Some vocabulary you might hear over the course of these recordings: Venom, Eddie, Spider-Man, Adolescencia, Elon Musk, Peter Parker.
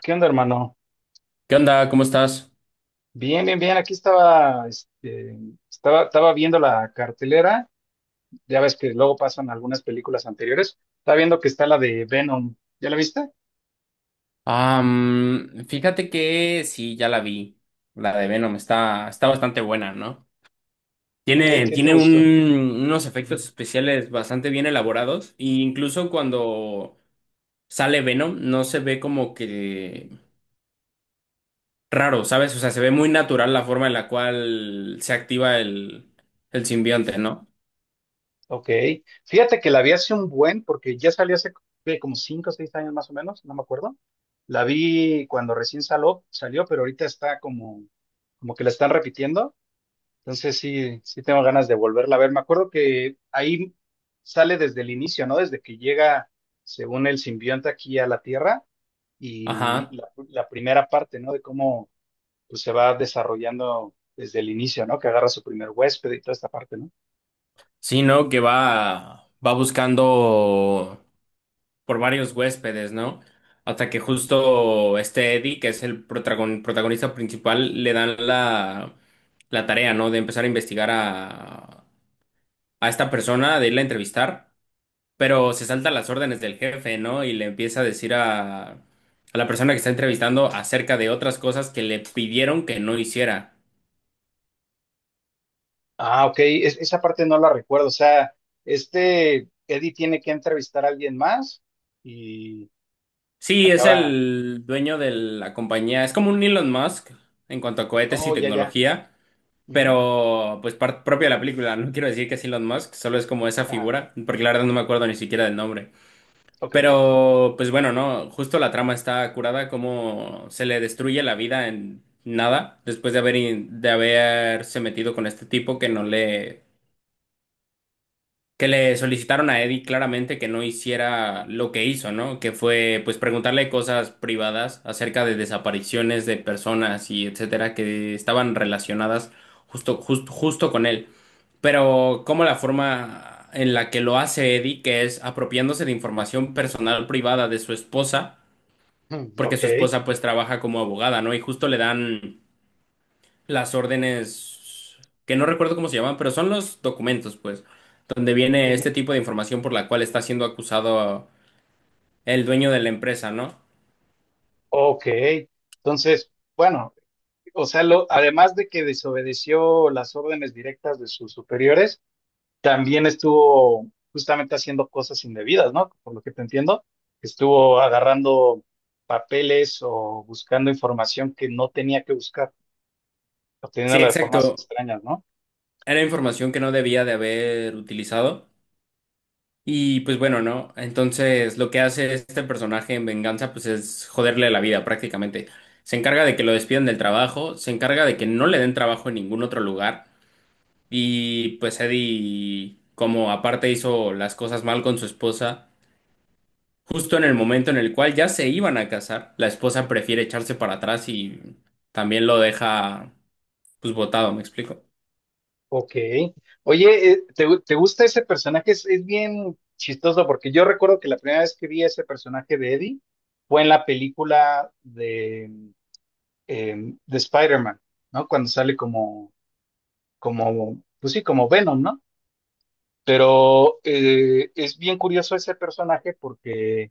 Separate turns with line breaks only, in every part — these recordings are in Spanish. ¿Qué onda, hermano?
¿Qué onda? ¿Cómo estás?
Bien, bien, bien. Aquí estaba, estaba viendo la cartelera. Ya ves que luego pasan algunas películas anteriores. Estaba viendo que está la de Venom. ¿Ya la viste?
Fíjate que sí, ya la vi. La de Venom está bastante buena, ¿no? Tiene,
Qué te
tiene un-
gustó?
Unos efectos
Ujú.
especiales bastante bien elaborados. E incluso cuando sale Venom, no se ve como que raro, ¿sabes? O sea, se ve muy natural la forma en la cual se activa el simbionte, ¿no?
Ok. Fíjate que la vi hace un buen, porque ya salió hace ¿qué? Como cinco o seis años más o menos, no me acuerdo. La vi cuando recién salió, pero ahorita está como que la están repitiendo. Entonces sí tengo ganas de volverla a ver. Me acuerdo que ahí sale desde el inicio, ¿no? Desde que llega, según el simbionte aquí a la Tierra, y
Ajá.
la primera parte, ¿no? De cómo pues, se va desarrollando desde el inicio, ¿no? Que agarra su primer huésped y toda esta parte, ¿no?
Sí, ¿no? Que va buscando por varios huéspedes, ¿no? Hasta que justo este Eddie, que es el protagonista principal, le dan la tarea, ¿no? De empezar a investigar a esta persona, de irla a entrevistar, pero se salta las órdenes del jefe, ¿no? Y le empieza a decir a la persona que está entrevistando acerca de otras cosas que le pidieron que no hiciera.
Ah, ok, esa parte no la recuerdo. O sea, este Eddie tiene que entrevistar a alguien más y
Sí, es
acaba.
el dueño de la compañía, es como un Elon Musk en cuanto a cohetes y
Oh, ya, ya.
tecnología.
Ujú.
Pero, pues, parte propia de la película. No quiero decir que es Elon Musk, solo es como esa
Ah,
figura, porque la verdad no me acuerdo ni siquiera del nombre.
ok.
Pero, pues bueno, no, justo la trama está curada, como se le destruye la vida en nada, después de haber, de haberse metido con este tipo que no que le solicitaron a Eddie claramente que no hiciera lo que hizo, ¿no? Que fue pues preguntarle cosas privadas acerca de desapariciones de personas y etcétera que estaban relacionadas justo con él. Pero como la forma en la que lo hace Eddie, que es apropiándose de información personal privada de su esposa,
Mm,
porque
ok.
su esposa pues trabaja como abogada, ¿no? Y justo le dan las órdenes, que no recuerdo cómo se llaman, pero son los documentos, pues, donde viene este tipo de información por la cual está siendo acusado el dueño de la empresa, ¿no?
Ok, entonces, bueno, o sea, lo, además de que desobedeció las órdenes directas de sus superiores, también estuvo justamente haciendo cosas indebidas, ¿no? Por lo que te entiendo, estuvo agarrando papeles o buscando información que no tenía que buscar,
Sí,
obteniéndola de formas
exacto.
extrañas, ¿no?
Era información que no debía de haber utilizado. Y pues bueno, ¿no? Entonces lo que hace este personaje en venganza, pues es joderle la vida prácticamente. Se encarga de que lo despidan del trabajo, se encarga de que no le den trabajo en ningún otro lugar. Y pues Eddie, como aparte hizo las cosas mal con su esposa, justo en el momento en el cual ya se iban a casar, la esposa prefiere echarse para atrás y también lo deja pues botado, ¿me explico?
Ok. Oye, te gusta ese personaje? Es bien chistoso porque yo recuerdo que la primera vez que vi ese personaje de Eddie fue en la película eh, de Spider-Man, ¿no? Cuando sale como, como, pues sí, como Venom, ¿no? Pero es bien curioso ese personaje porque,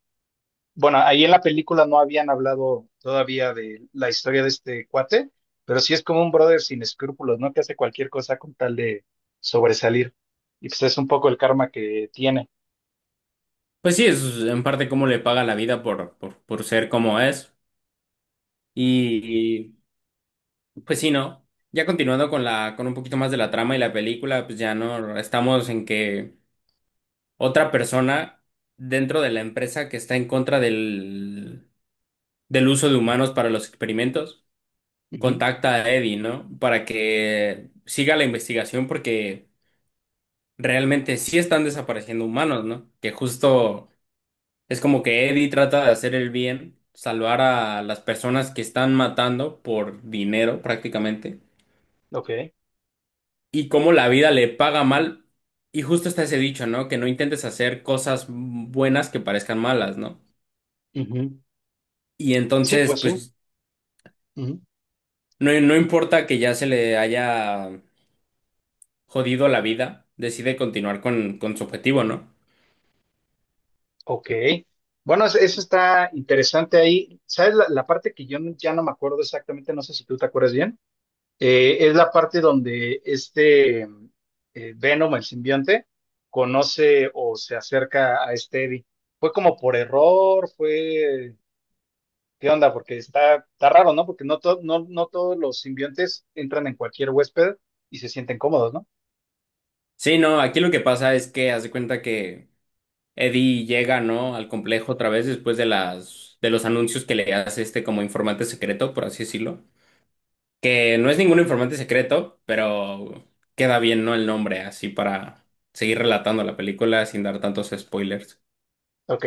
bueno, ahí en la película no habían hablado todavía de la historia de este cuate, pero sí es como un brother sin escrúpulos, ¿no? Que hace cualquier cosa con tal de sobresalir. Y pues es un poco el karma que tiene.
Pues sí, es en parte cómo le paga la vida por ser como es. Y pues sí, ¿no? Ya continuando con con un poquito más de la trama y la película, pues ya no estamos en que otra persona dentro de la empresa que está en contra del uso de humanos para los experimentos
Ujú.
contacta a Eddie, ¿no? Para que siga la investigación porque realmente sí están desapareciendo humanos, ¿no? Que justo es como que Eddie trata de hacer el bien, salvar a las personas que están matando por dinero prácticamente
Ok.
y cómo la vida le paga mal. Y justo está ese dicho, ¿no? Que no intentes hacer cosas buenas que parezcan malas, ¿no?
Ujú.
Y
Sí,
entonces,
pues sí.
pues,
Ujú.
no importa que ya se le haya jodido la vida, decide continuar con su objetivo, ¿no?
Ok. Bueno, eso está interesante ahí. ¿Sabes la parte que yo ya no me acuerdo exactamente? No sé si tú te acuerdas bien. Es la parte donde este Venom, el simbionte, conoce o se acerca a este Eddie. ¿Fue como por error? ¿Fue... ¿Qué onda? Porque está, está raro, ¿no? Porque no, no todos los simbiontes entran en cualquier huésped y se sienten cómodos, ¿no?
Sí, no, aquí lo que pasa es que haz de cuenta que Eddie llega, ¿no? Al complejo otra vez después de de los anuncios que le hace este como informante secreto, por así decirlo. Que no es ningún informante secreto, pero queda bien, ¿no? El nombre, así para seguir relatando la película sin dar tantos spoilers.
Ok.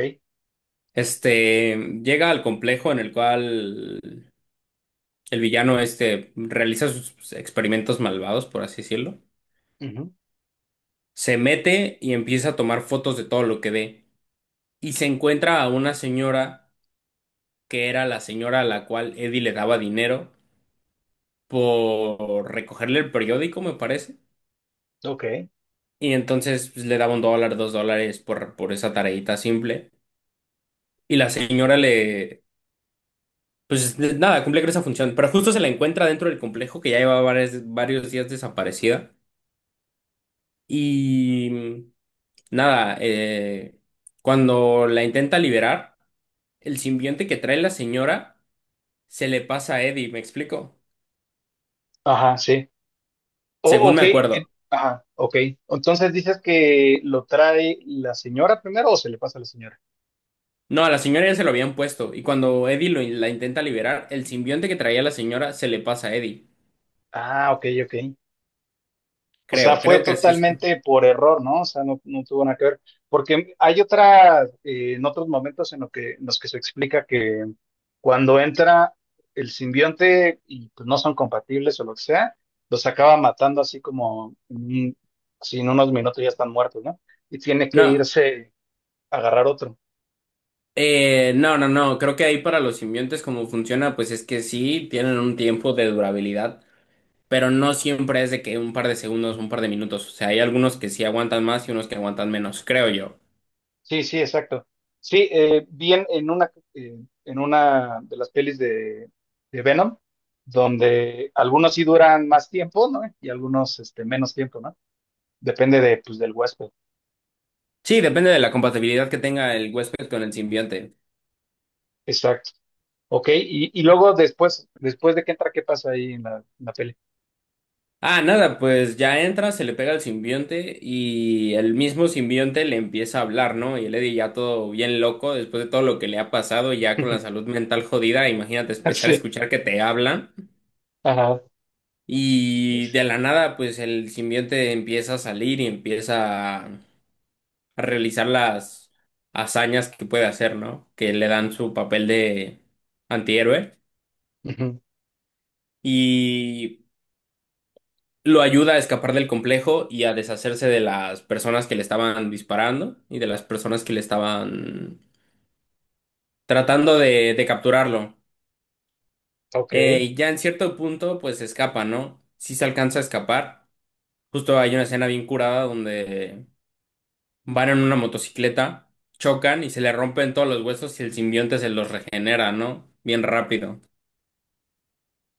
Este llega al complejo en el cual el villano este realiza sus experimentos malvados, por así decirlo.
Ujú.
Se mete y empieza a tomar fotos de todo lo que ve. Y se encuentra a una señora que era la señora a la cual Eddie le daba dinero por recogerle el periódico, me parece.
Ok.
Y entonces pues, le daba un dólar, dos dólares por esa tareita simple. Y la señora le, pues nada, cumple con esa función. Pero justo se la encuentra dentro del complejo que ya lleva varios días desaparecida. Y mm, nada, cuando la intenta liberar, el simbionte que trae la señora se le pasa a Eddie, ¿me explico?
Ajá, sí. Oh,
Según
ok,
me acuerdo.
ajá, ok. Entonces dices que lo trae la señora primero o se le pasa a la señora.
No, a la señora ya se lo habían puesto, y cuando Eddie la intenta liberar, el simbionte que traía la señora se le pasa a Eddie.
Ah, ok. O sea,
Creo,
fue
creo que así es.
totalmente por error, ¿no? O sea, no tuvo nada que ver. Porque hay otras, en otros momentos en, lo que, en los que se explica que cuando entra el simbionte y pues, no son compatibles o lo que sea, los acaba matando así como, mm, si en unos minutos ya están muertos, ¿no? Y tiene que
No,
irse a agarrar otro.
no, creo que ahí para los simbiontes como funciona, pues es que sí, tienen un tiempo de durabilidad, pero no siempre es de que un par de segundos, un par de minutos, o sea, hay algunos que sí aguantan más y unos que aguantan menos, creo yo.
Sí, sí, exacto. Sí, vi en una de las pelis de Venom, donde algunos sí duran más tiempo, ¿no? Y algunos este, menos tiempo, ¿no? Depende de, pues, del huésped.
Sí, depende de la compatibilidad que tenga el huésped con el simbionte.
Exacto. Ok, y luego después de que entra, ¿qué pasa ahí en en la peli?
Ah, nada, pues ya entra, se le pega al simbionte y el mismo simbionte le empieza a hablar, ¿no? Y el Eddie ya todo bien loco, después de todo lo que le ha pasado, ya con la salud mental jodida, imagínate empezar a
Sí,
escuchar que te habla
ajá.
y de la nada, pues el simbionte empieza a salir y empieza a realizar las hazañas que puede hacer, ¿no? Que le dan su papel de antihéroe.
Ujú.
Y lo ayuda a escapar del complejo y a deshacerse de las personas que le estaban disparando y de las personas que le estaban tratando de capturarlo.
Ok,
Y ya en cierto punto, pues escapa, ¿no? Si se alcanza a escapar. Justo hay una escena bien curada donde van en una motocicleta, chocan y se le rompen todos los huesos y el simbionte se los regenera, ¿no? Bien rápido.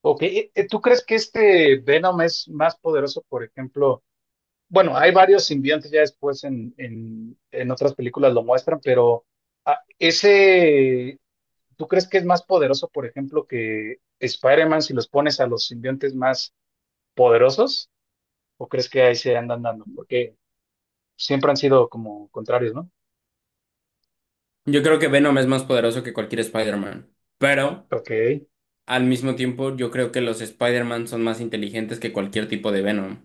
ok. ¿Tú crees que este Venom es más poderoso, por ejemplo? Bueno, hay varios simbiontes ya después en, en otras películas lo muestran, pero ese, ¿tú crees que es más poderoso, por ejemplo, que Spider-Man si los pones a los simbiontes más poderosos? ¿O crees que ahí se andan dando? Porque siempre han sido como contrarios, ¿no?
Yo creo que Venom es más poderoso que cualquier Spider-Man. Pero
Ok.
al mismo tiempo, yo creo que los Spider-Man son más inteligentes que cualquier tipo de Venom.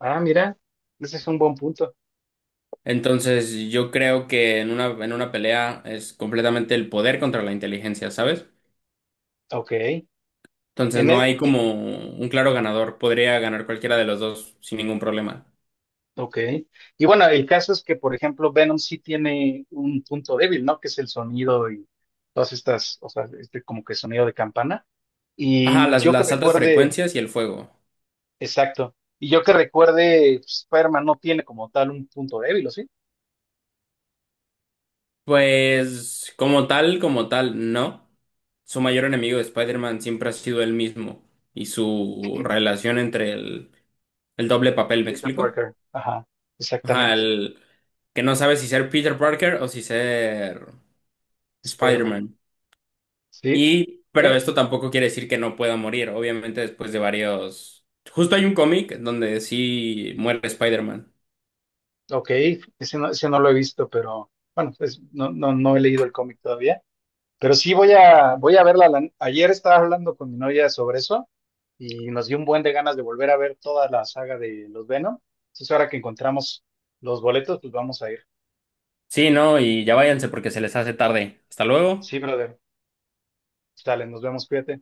Ah, mira, ese es un buen punto.
Entonces, yo creo que en en una pelea es completamente el poder contra la inteligencia, ¿sabes?
Ok.
Entonces, no hay
Y,
como un claro ganador. Podría ganar cualquiera de los dos sin ningún problema.
ok. Y bueno, el caso es que, por ejemplo, Venom sí tiene un punto débil, ¿no? Que es el sonido y todas estas, o sea, este como que sonido de campana.
Ajá,
Y yo que
las altas
recuerde,
frecuencias y el fuego.
exacto. Y yo que recuerde, pues, Spider-Man no tiene como tal un punto débil, ¿o sí?
Pues, como tal, no. Su mayor enemigo de Spider-Man siempre ha sido él mismo y su relación entre el doble papel, ¿me
Peter
explico?
Parker. Ajá,
Ajá,
exactamente.
el que no sabe si ser Peter Parker o si ser
Spider-Man.
Spider-Man.
Sí.
Y, pero
¿Qué?
esto tampoco quiere decir que no pueda morir, obviamente después de varios... Justo hay un cómic donde sí muere Spider-Man.
Ok. Ese ese no lo he visto, pero bueno, pues no, no he leído el cómic todavía. Pero sí voy voy a verla. La- Ayer estaba hablando con mi novia sobre eso y nos dio un buen de ganas de volver a ver toda la saga de los Venom. Entonces ahora que encontramos los boletos, pues vamos a ir.
Sí, ¿no? Y ya váyanse porque se les hace tarde. Hasta luego.
Sí, brother. Sale, nos vemos, cuídate.